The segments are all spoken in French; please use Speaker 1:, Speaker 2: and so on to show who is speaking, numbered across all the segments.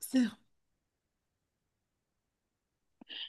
Speaker 1: Sérieux?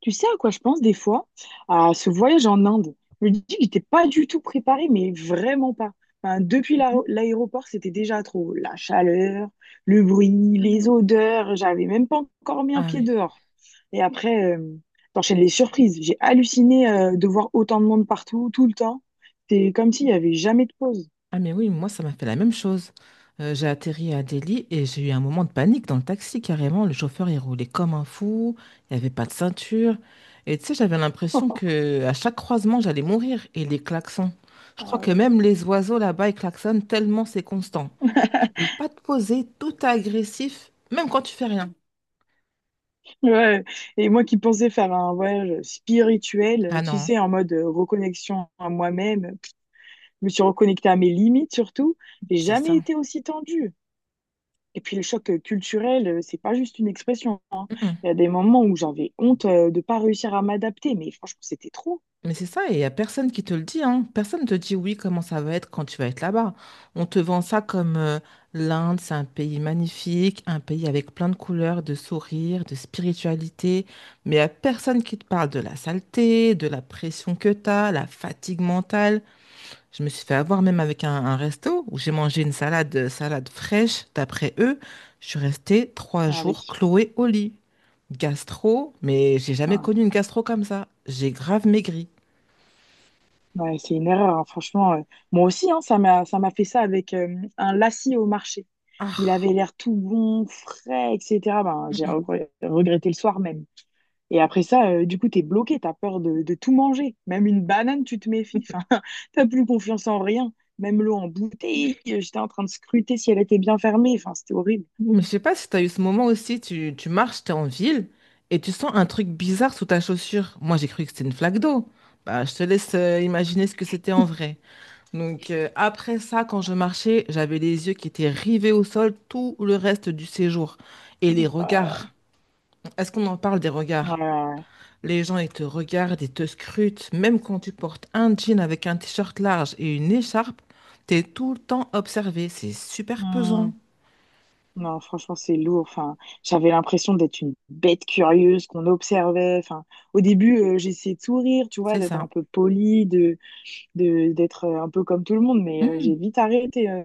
Speaker 2: Tu sais à quoi je pense des fois? À ce voyage en Inde. Je me dis que j'étais pas du tout préparée, mais vraiment pas. Enfin, depuis l'aéroport, c'était déjà trop. La chaleur, le bruit, les
Speaker 1: Mm.
Speaker 2: odeurs, j'avais même pas encore mis un
Speaker 1: Ah
Speaker 2: pied
Speaker 1: oui.
Speaker 2: dehors. Et après, t'enchaînes les surprises. J'ai halluciné, de voir autant de monde partout, tout le temps. C'est comme s'il y avait jamais de pause.
Speaker 1: Ah mais oui, moi ça m'a fait la même chose. J'ai atterri à Delhi et j'ai eu un moment de panique dans le taxi carrément. Le chauffeur il roulait comme un fou, il n'y avait pas de ceinture. Et tu sais, j'avais l'impression que à chaque croisement j'allais mourir et les klaxons. Je crois
Speaker 2: Ah
Speaker 1: que
Speaker 2: oui.
Speaker 1: même les oiseaux là-bas ils klaxonnent tellement c'est constant. Tu peux pas te poser, tout est agressif, même quand tu fais rien.
Speaker 2: Ouais. Et moi qui pensais faire un voyage spirituel,
Speaker 1: Ah
Speaker 2: tu
Speaker 1: non,
Speaker 2: sais, en mode reconnexion à moi-même. Je me suis reconnectée à mes limites surtout. J'ai
Speaker 1: c'est
Speaker 2: jamais
Speaker 1: ça.
Speaker 2: été aussi tendue. Et puis le choc culturel, c'est pas juste une expression.
Speaker 1: Mmh, mmh.
Speaker 2: Il y a des moments où j'avais honte de pas réussir à m'adapter, mais franchement, c'était trop.
Speaker 1: Mais c'est ça, et il n'y a personne qui te le dit, hein. Personne ne te dit oui, comment ça va être quand tu vas être là-bas. On te vend ça comme l'Inde, c'est un pays magnifique, un pays avec plein de couleurs, de sourires, de spiritualité, mais il n'y a personne qui te parle de la saleté, de la pression que tu as, la fatigue mentale. Je me suis fait avoir même avec un resto où j'ai mangé une salade, salade fraîche, d'après eux. Je suis restée trois
Speaker 2: Ah
Speaker 1: jours
Speaker 2: oui.
Speaker 1: clouée au lit. Gastro, mais j'ai jamais
Speaker 2: Ouais.
Speaker 1: connu une gastro comme ça. J'ai grave maigri.
Speaker 2: Ouais, c'est une erreur, hein, franchement. Moi aussi, hein, ça m'a fait ça avec un lacis au marché. Il
Speaker 1: Ah,
Speaker 2: avait l'air tout bon, frais, etc. Ben,
Speaker 1: mm,
Speaker 2: regretté le soir même. Et après ça, du coup, t'es bloqué, t'as peur de tout manger. Même une banane, tu te méfies.
Speaker 1: mm.
Speaker 2: Enfin, t'as plus confiance en rien. Même l'eau en bouteille, j'étais en train de scruter si elle était bien fermée. Enfin, c'était horrible.
Speaker 1: Mais je sais pas si tu as eu ce moment aussi, tu marches, tu es en ville et tu sens un truc bizarre sous ta chaussure. Moi, j'ai cru que c'était une flaque d'eau. Bah, je te laisse imaginer ce que c'était en vrai. Donc, après ça, quand je marchais, j'avais les yeux qui étaient rivés au sol tout le reste du séjour. Et les
Speaker 2: Euh,
Speaker 1: regards. Est-ce qu'on en parle des
Speaker 2: ouais, ouais,
Speaker 1: regards?
Speaker 2: ouais.
Speaker 1: Les gens, ils te regardent, ils te scrutent. Même quand tu portes un jean avec un t-shirt large et une écharpe, t'es tout le temps observé. C'est super
Speaker 2: Hmm.
Speaker 1: pesant.
Speaker 2: Non, franchement, c'est lourd. Enfin, j'avais l'impression d'être une bête curieuse qu'on observait. Enfin, au début, j'essayais de sourire, tu vois,
Speaker 1: C'est
Speaker 2: d'être un
Speaker 1: ça.
Speaker 2: peu polie, d'être un peu comme tout le monde, mais
Speaker 1: Mmh.
Speaker 2: j'ai vite arrêté.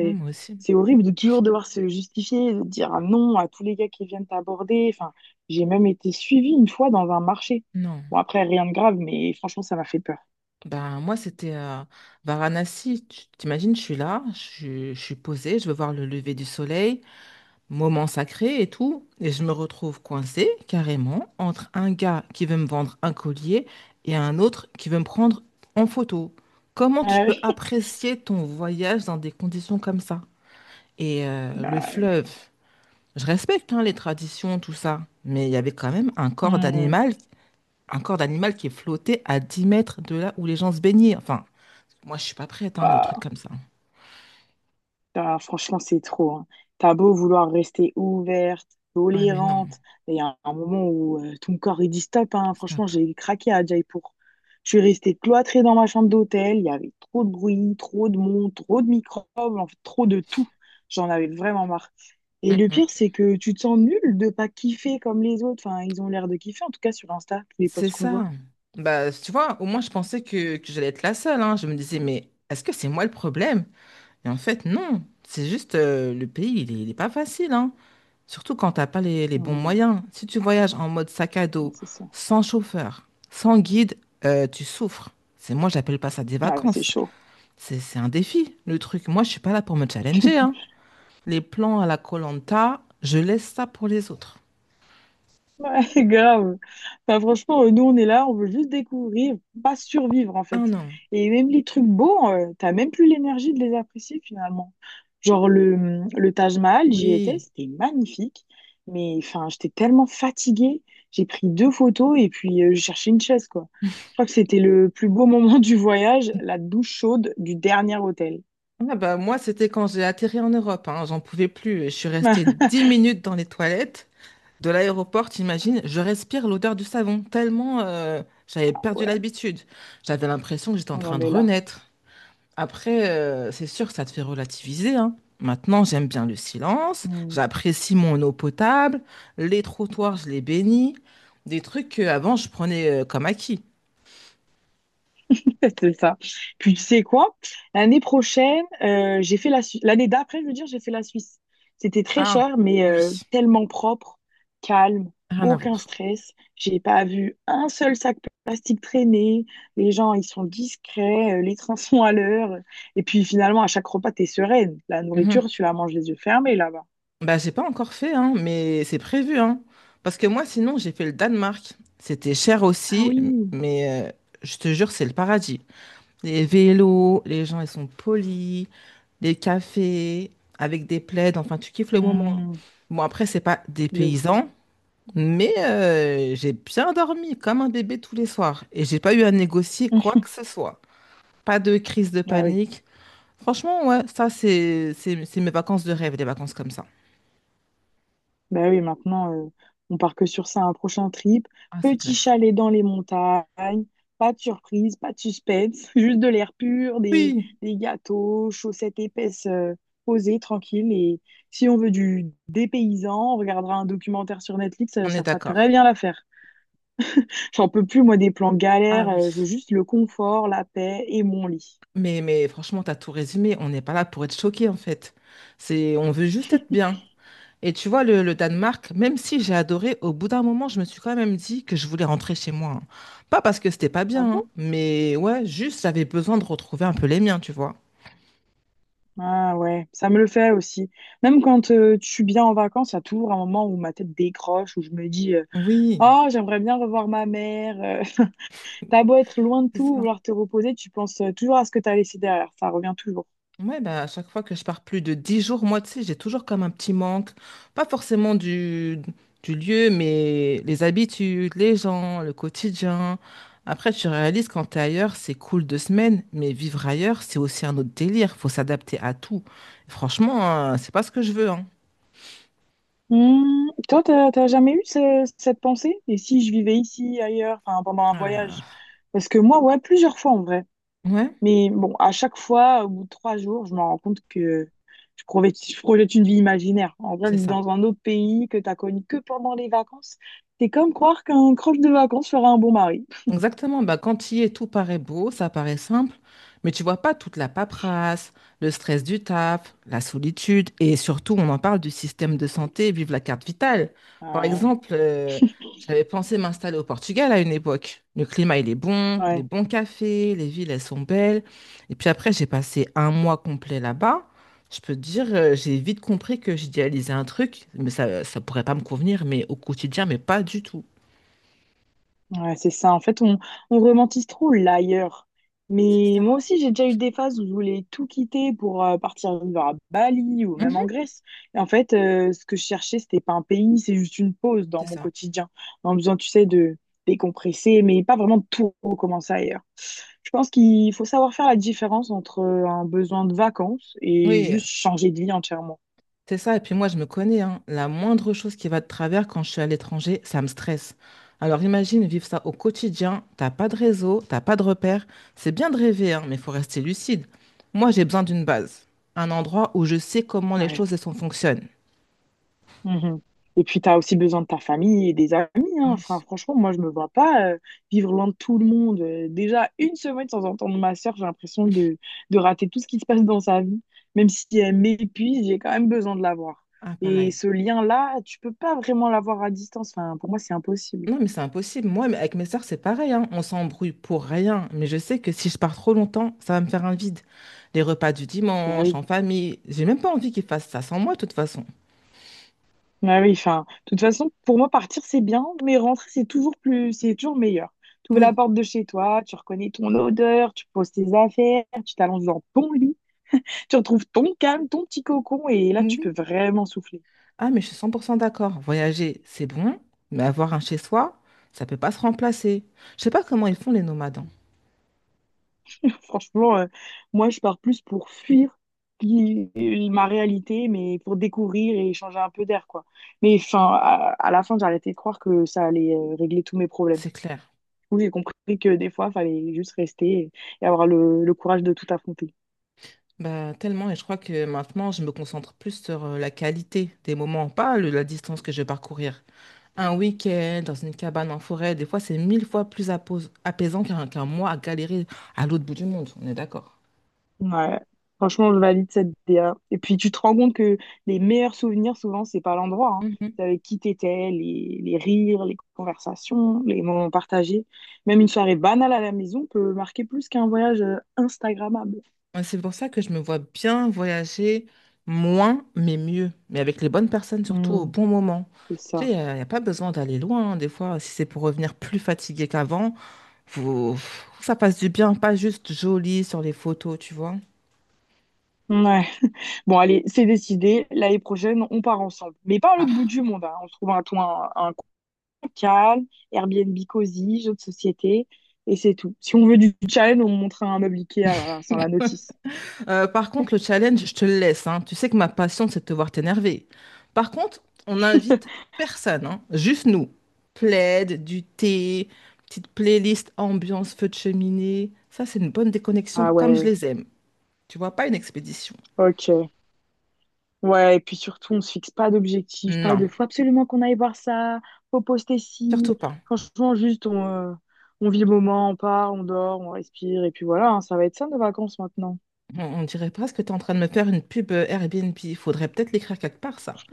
Speaker 1: Ouais, moi aussi.
Speaker 2: c'est horrible de toujours devoir se justifier, de dire un non à tous les gars qui viennent t'aborder. Enfin, j'ai même été suivie une fois dans un marché.
Speaker 1: Non.
Speaker 2: Bon, après, rien de grave, mais franchement, ça m'a fait peur.
Speaker 1: Ben, moi, c'était Varanasi. Tu t'imagines, je suis là, je suis posée, je veux voir le lever du soleil, moment sacré et tout. Et je me retrouve coincée, carrément, entre un gars qui veut me vendre un collier et un autre qui veut me prendre en photo. Comment tu
Speaker 2: Ah
Speaker 1: peux
Speaker 2: oui.
Speaker 1: apprécier ton voyage dans des conditions comme ça? Et le
Speaker 2: Bah,
Speaker 1: fleuve, je respecte hein, les traditions, tout ça, mais il y avait quand même
Speaker 2: hmm.
Speaker 1: un corps d'animal qui est flotté à 10 mètres de là où les gens se baignaient. Enfin, moi, je suis pas prête, hein, des trucs
Speaker 2: Bah,
Speaker 1: comme ça.
Speaker 2: ah, franchement, c'est trop. Hein. T'as beau vouloir rester ouverte,
Speaker 1: Ouais, mais non,
Speaker 2: tolérante, il y a un moment où ton corps il dit stop. Hein. Franchement,
Speaker 1: stop.
Speaker 2: j'ai craqué à Jaipur. Je suis restée cloîtrée dans ma chambre d'hôtel. Il y avait trop de bruit, trop de monde, trop de microbes, en fait, trop de tout. J'en avais vraiment marre. Et le pire,
Speaker 1: Mm-mm.
Speaker 2: c'est que tu te sens nul de pas kiffer comme les autres. Enfin, ils ont l'air de kiffer, en tout cas sur Insta, tous les
Speaker 1: C'est
Speaker 2: posts qu'on voit.
Speaker 1: ça. Bah, tu vois, au moins, je pensais que j'allais être la seule. Hein. Je me disais, mais est-ce que c'est moi le problème? Et en fait, non. C'est juste, le pays, il est pas facile, hein. Surtout quand t'as pas les bons
Speaker 2: Hmm,
Speaker 1: moyens. Si tu voyages en mode sac à
Speaker 2: ouais,
Speaker 1: dos,
Speaker 2: c'est ça.
Speaker 1: sans chauffeur, sans guide, tu souffres. C'est moi, j'appelle pas ça des
Speaker 2: Ah, c'est
Speaker 1: vacances.
Speaker 2: chaud.
Speaker 1: C'est un défi, le truc. Moi, je suis pas là pour me challenger, hein. Les plans à la koh je laisse ça pour les autres.
Speaker 2: C'est grave. Bah, franchement, nous, on est là, on veut juste découvrir, pas survivre, en
Speaker 1: Ah
Speaker 2: fait.
Speaker 1: non,
Speaker 2: Et même les trucs beaux, t'as même plus l'énergie de les apprécier, finalement. Genre, le Taj Mahal, j'y étais,
Speaker 1: oui.
Speaker 2: c'était magnifique. Mais, enfin, j'étais tellement fatiguée. J'ai pris deux photos et puis je cherchais une chaise, quoi. Je crois que c'était le plus beau moment du voyage, la douche chaude du dernier hôtel.
Speaker 1: Ah bah, moi, c'était quand j'ai atterri en Europe. Hein, j'en pouvais plus. Je suis restée 10 minutes dans les toilettes de l'aéroport, t'imagines, je respire l'odeur du savon, tellement j'avais perdu
Speaker 2: Ouais,
Speaker 1: l'habitude. J'avais l'impression que j'étais en
Speaker 2: on
Speaker 1: train
Speaker 2: en
Speaker 1: de
Speaker 2: est là.
Speaker 1: renaître. Après, c'est sûr que ça te fait relativiser, hein. Maintenant, j'aime bien le silence,
Speaker 2: Hmm.
Speaker 1: j'apprécie mon eau potable, les trottoirs, je les bénis, des trucs qu'avant, je prenais comme acquis.
Speaker 2: C'est ça. Puis tu sais quoi? L'année prochaine, j'ai fait la Suisse. L'année d'après, je veux dire, j'ai fait la Suisse. C'était très
Speaker 1: Ah,
Speaker 2: cher, mais
Speaker 1: oui,
Speaker 2: tellement propre, calme,
Speaker 1: rien à
Speaker 2: aucun
Speaker 1: voir.
Speaker 2: stress. J'ai pas vu un seul sac plastique traîner. Les gens, ils sont discrets, les trains sont à l'heure. Et puis finalement, à chaque repas, t'es sereine. La nourriture,
Speaker 1: Mhm.
Speaker 2: tu la manges les yeux fermés là-bas.
Speaker 1: Bah, j'ai pas encore fait, hein, mais c'est prévu, hein. Parce que moi, sinon, j'ai fait le Danemark. C'était cher
Speaker 2: Ah
Speaker 1: aussi,
Speaker 2: oui.
Speaker 1: mais je te jure, c'est le paradis. Les vélos, les gens, ils sont polis, les cafés, avec des plaids, enfin, tu kiffes le moment. Hein.
Speaker 2: Mmh,
Speaker 1: Bon, après, c'est pas des
Speaker 2: de ouf.
Speaker 1: paysans, mais j'ai bien dormi comme un bébé tous les soirs. Et j'ai pas eu à négocier quoi que ce soit. Pas de crise de
Speaker 2: Ah oui.
Speaker 1: panique. Franchement, ouais, ça, c'est mes vacances de rêve, des vacances comme ça.
Speaker 2: Ben oui, maintenant, on part que sur ça, un prochain trip.
Speaker 1: Ah, c'est
Speaker 2: Petit
Speaker 1: clair.
Speaker 2: chalet dans les montagnes, pas de surprise, pas de suspense, juste de l'air pur,
Speaker 1: Oui,
Speaker 2: des gâteaux, chaussettes épaisses, posées, tranquilles. Et si on veut du dépaysant, on regardera un documentaire sur Netflix,
Speaker 1: on est
Speaker 2: ça fera très
Speaker 1: d'accord.
Speaker 2: bien l'affaire. J'en peux plus, moi, des plans galères,
Speaker 1: Ah
Speaker 2: je veux
Speaker 1: oui.
Speaker 2: juste le confort, la paix et mon lit.
Speaker 1: Mais franchement, t'as tout résumé. On n'est pas là pour être choqué, en fait. C'est, on veut juste être bien. Et tu vois, le Danemark, même si j'ai adoré, au bout d'un moment, je me suis quand même dit que je voulais rentrer chez moi. Hein. Pas parce que c'était pas
Speaker 2: Ah
Speaker 1: bien,
Speaker 2: bon?
Speaker 1: hein, mais ouais, juste j'avais besoin de retrouver un peu les miens, tu vois.
Speaker 2: Ah ouais, ça me le fait aussi. Même quand je suis bien en vacances, il y a toujours un moment où ma tête décroche, où je me dis...
Speaker 1: Oui,
Speaker 2: oh, j'aimerais bien revoir ma mère. T'as beau être loin de
Speaker 1: c'est
Speaker 2: tout,
Speaker 1: ça.
Speaker 2: vouloir te reposer, tu penses toujours à ce que t'as laissé derrière. Ça revient toujours.
Speaker 1: Ouais, bah, à chaque fois que je pars plus de 10 jours, moi, tu sais, j'ai toujours comme un petit manque. Pas forcément du lieu, mais les habitudes, les gens, le quotidien. Après, tu réalises quand t'es ailleurs, c'est cool deux semaines, mais vivre ailleurs, c'est aussi un autre délire. Faut s'adapter à tout. Franchement, hein, c'est pas ce que je veux, hein.
Speaker 2: Hmm. Toi, t'as jamais eu cette pensée? Et si je vivais ici, ailleurs, enfin pendant un
Speaker 1: Ah
Speaker 2: voyage?
Speaker 1: là
Speaker 2: Parce que moi, ouais, plusieurs fois en vrai.
Speaker 1: là. Ouais,
Speaker 2: Mais bon, à chaque fois, au bout de trois jours, je me rends compte que je projette une vie imaginaire. En vrai,
Speaker 1: c'est
Speaker 2: vivre
Speaker 1: ça.
Speaker 2: dans un autre pays que t'as connu que pendant les vacances, c'est comme croire qu'un croche de vacances fera un bon mari.
Speaker 1: Exactement, bah, quand il est tout paraît beau, ça paraît simple, mais tu vois pas toute la paperasse, le stress du taf, la solitude, et surtout on en parle du système de santé, vive la carte vitale. Par
Speaker 2: Ouais,
Speaker 1: exemple, j'avais pensé m'installer au Portugal à une époque. Le climat il est bon, des
Speaker 2: ouais.
Speaker 1: bons cafés, les villes elles sont belles, et puis après j'ai passé un mois complet là-bas. Je peux te dire, j'ai vite compris que j'idéalisais un truc, mais ça pourrait pas me convenir, mais au quotidien, mais pas du tout.
Speaker 2: Ouais, c'est ça. En fait, on romantise trop l'ailleurs.
Speaker 1: C'est
Speaker 2: Mais moi
Speaker 1: ça.
Speaker 2: aussi, j'ai déjà eu des phases où je voulais tout quitter pour partir vivre à Bali ou même
Speaker 1: Mhm,
Speaker 2: en Grèce. Et en fait, ce que je cherchais, c'était pas un pays, c'est juste une pause dans
Speaker 1: c'est
Speaker 2: mon
Speaker 1: ça.
Speaker 2: quotidien. En besoin, tu sais, de décompresser, mais pas vraiment de tout recommencer ailleurs. Je pense qu'il faut savoir faire la différence entre un besoin de vacances et
Speaker 1: Oui.
Speaker 2: juste changer de vie entièrement.
Speaker 1: C'est ça, et puis moi je me connais, hein. La moindre chose qui va de travers quand je suis à l'étranger, ça me stresse. Alors imagine vivre ça au quotidien, t'as pas de réseau, t'as pas de repères. C'est bien de rêver, hein, mais il faut rester lucide. Moi j'ai besoin d'une base, un endroit où je sais comment les
Speaker 2: Ouais.
Speaker 1: choses et sont fonctionnent.
Speaker 2: Mhm. Et puis, tu as aussi besoin de ta famille et des amis. Hein. Enfin,
Speaker 1: Oui.
Speaker 2: franchement, moi, je me vois pas vivre loin de tout le monde. Déjà, une semaine sans entendre ma soeur, j'ai l'impression de rater tout ce qui se passe dans sa vie. Même si elle m'épuise, j'ai quand même besoin de la voir.
Speaker 1: Ah
Speaker 2: Et
Speaker 1: pareil.
Speaker 2: ce lien-là, tu peux pas vraiment l'avoir à distance. Enfin, pour moi, c'est impossible.
Speaker 1: Non mais c'est impossible, moi mais avec mes sœurs c'est pareil, hein. On s'embrouille pour rien, mais je sais que si je pars trop longtemps, ça va me faire un vide. Les repas du
Speaker 2: Bah
Speaker 1: dimanche,
Speaker 2: oui.
Speaker 1: en famille, j'ai même pas envie qu'ils fassent ça sans moi de toute façon.
Speaker 2: Bah oui, enfin, de toute façon, pour moi, partir, c'est bien, mais rentrer, c'est toujours meilleur. Tu ouvres la
Speaker 1: Oui.
Speaker 2: porte de chez toi, tu reconnais ton odeur, tu poses tes affaires, tu t'allonges dans ton lit. Tu retrouves ton calme, ton petit cocon, et là, tu peux
Speaker 1: Oui,
Speaker 2: vraiment souffler.
Speaker 1: ah, mais je suis 100% d'accord. Voyager, c'est bon, mais avoir un chez-soi, ça peut pas se remplacer. Je sais pas comment ils font les nomades, hein.
Speaker 2: Franchement, moi, je pars plus pour fuir qui- ma réalité, mais pour découvrir et changer un peu d'air, quoi. Mais enfin, à la fin, j'ai arrêté de croire que ça allait régler tous mes problèmes.
Speaker 1: C'est clair.
Speaker 2: Du coup, j'ai compris que des fois, il fallait juste rester et avoir le courage de tout affronter.
Speaker 1: Bah, tellement, et je crois que maintenant, je me concentre plus sur la qualité des moments, pas la distance que je vais parcourir. Un week-end dans une cabane en forêt, des fois, c'est mille fois plus apaisant qu'un mois à galérer à l'autre bout du monde. On est d'accord.
Speaker 2: Ouais, franchement, je valide cette DA. Et puis, tu te rends compte que les meilleurs souvenirs, souvent, c'est pas l'endroit, hein. C'est avec qui t'étais, les rires, les conversations, les moments partagés. Même une soirée banale à la maison peut marquer plus qu'un voyage Instagrammable.
Speaker 1: Ouais, c'est pour ça que je me vois bien voyager moins, mais mieux. Mais avec les bonnes personnes, surtout au
Speaker 2: Hmm,
Speaker 1: bon moment.
Speaker 2: c'est
Speaker 1: Tu
Speaker 2: ça.
Speaker 1: sais, y a pas besoin d'aller loin. Hein. Des fois, si c'est pour revenir plus fatigué qu'avant, faut que ça passe du bien, pas juste joli sur les photos, tu vois.
Speaker 2: Ouais. Bon, allez, c'est décidé. L'année prochaine, on part ensemble. Mais pas à l'autre bout
Speaker 1: Ah.
Speaker 2: du monde, hein. On se trouve un coin calme, Airbnb cosy, jeux de société, et c'est tout. Si on veut du challenge, on montre un meuble Ikea, voilà, sans la notice.
Speaker 1: Par contre, le challenge, je te le laisse, hein. Tu sais que ma passion, c'est de te voir t'énerver. Par contre, on n'invite personne, hein. Juste nous. Plaid, du thé, petite playlist, ambiance, feu de cheminée. Ça, c'est une bonne déconnexion
Speaker 2: Ah
Speaker 1: comme je
Speaker 2: ouais.
Speaker 1: les aime. Tu vois, pas une expédition.
Speaker 2: Ok. Ouais, et puis surtout, on se fixe pas d'objectif, pas
Speaker 1: Non,
Speaker 2: de faut absolument qu'on aille voir ça, faut poster
Speaker 1: surtout
Speaker 2: ci.
Speaker 1: pas.
Speaker 2: Franchement, juste, on vit le moment, on part, on dort, on respire, et puis voilà, hein, ça va être ça nos vacances maintenant.
Speaker 1: On dirait presque que tu es en train de me faire une pub Airbnb. Il faudrait peut-être l'écrire quelque part, ça.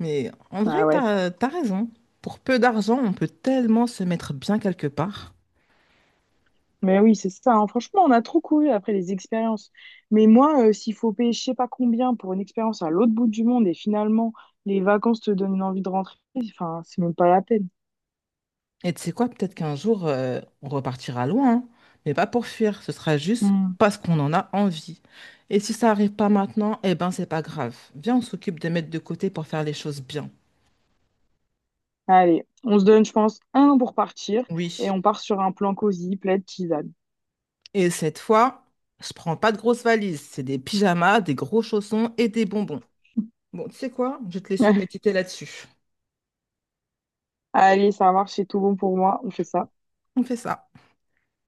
Speaker 1: Mais en vrai,
Speaker 2: Ah ouais.
Speaker 1: t'as raison. Pour peu d'argent, on peut tellement se mettre bien quelque part.
Speaker 2: Mais oui, c'est ça. Hein. Franchement, on a trop couru après les expériences. Mais moi, s'il faut payer je sais pas combien pour une expérience à l'autre bout du monde et finalement, les vacances te donnent une envie de rentrer, enfin, c'est même pas la peine.
Speaker 1: Et tu sais quoi, peut-être qu'un jour, on repartira loin, hein, mais pas pour fuir, ce sera juste
Speaker 2: Hmm.
Speaker 1: parce qu'on en a envie. Et si ça arrive pas maintenant, eh ben c'est pas grave. Viens, on s'occupe de mettre de côté pour faire les choses bien.
Speaker 2: Allez, on se donne, je pense, un an pour partir
Speaker 1: Oui.
Speaker 2: et on part sur un plan cosy, plaid, tisane.
Speaker 1: Et cette fois, je prends pas de grosses valises, c'est des pyjamas, des gros chaussons et des bonbons. Bon, tu sais quoi, je vais te laisser méditer là-dessus.
Speaker 2: Allez, ça marche, c'est tout bon pour moi, on fait ça.
Speaker 1: On fait ça.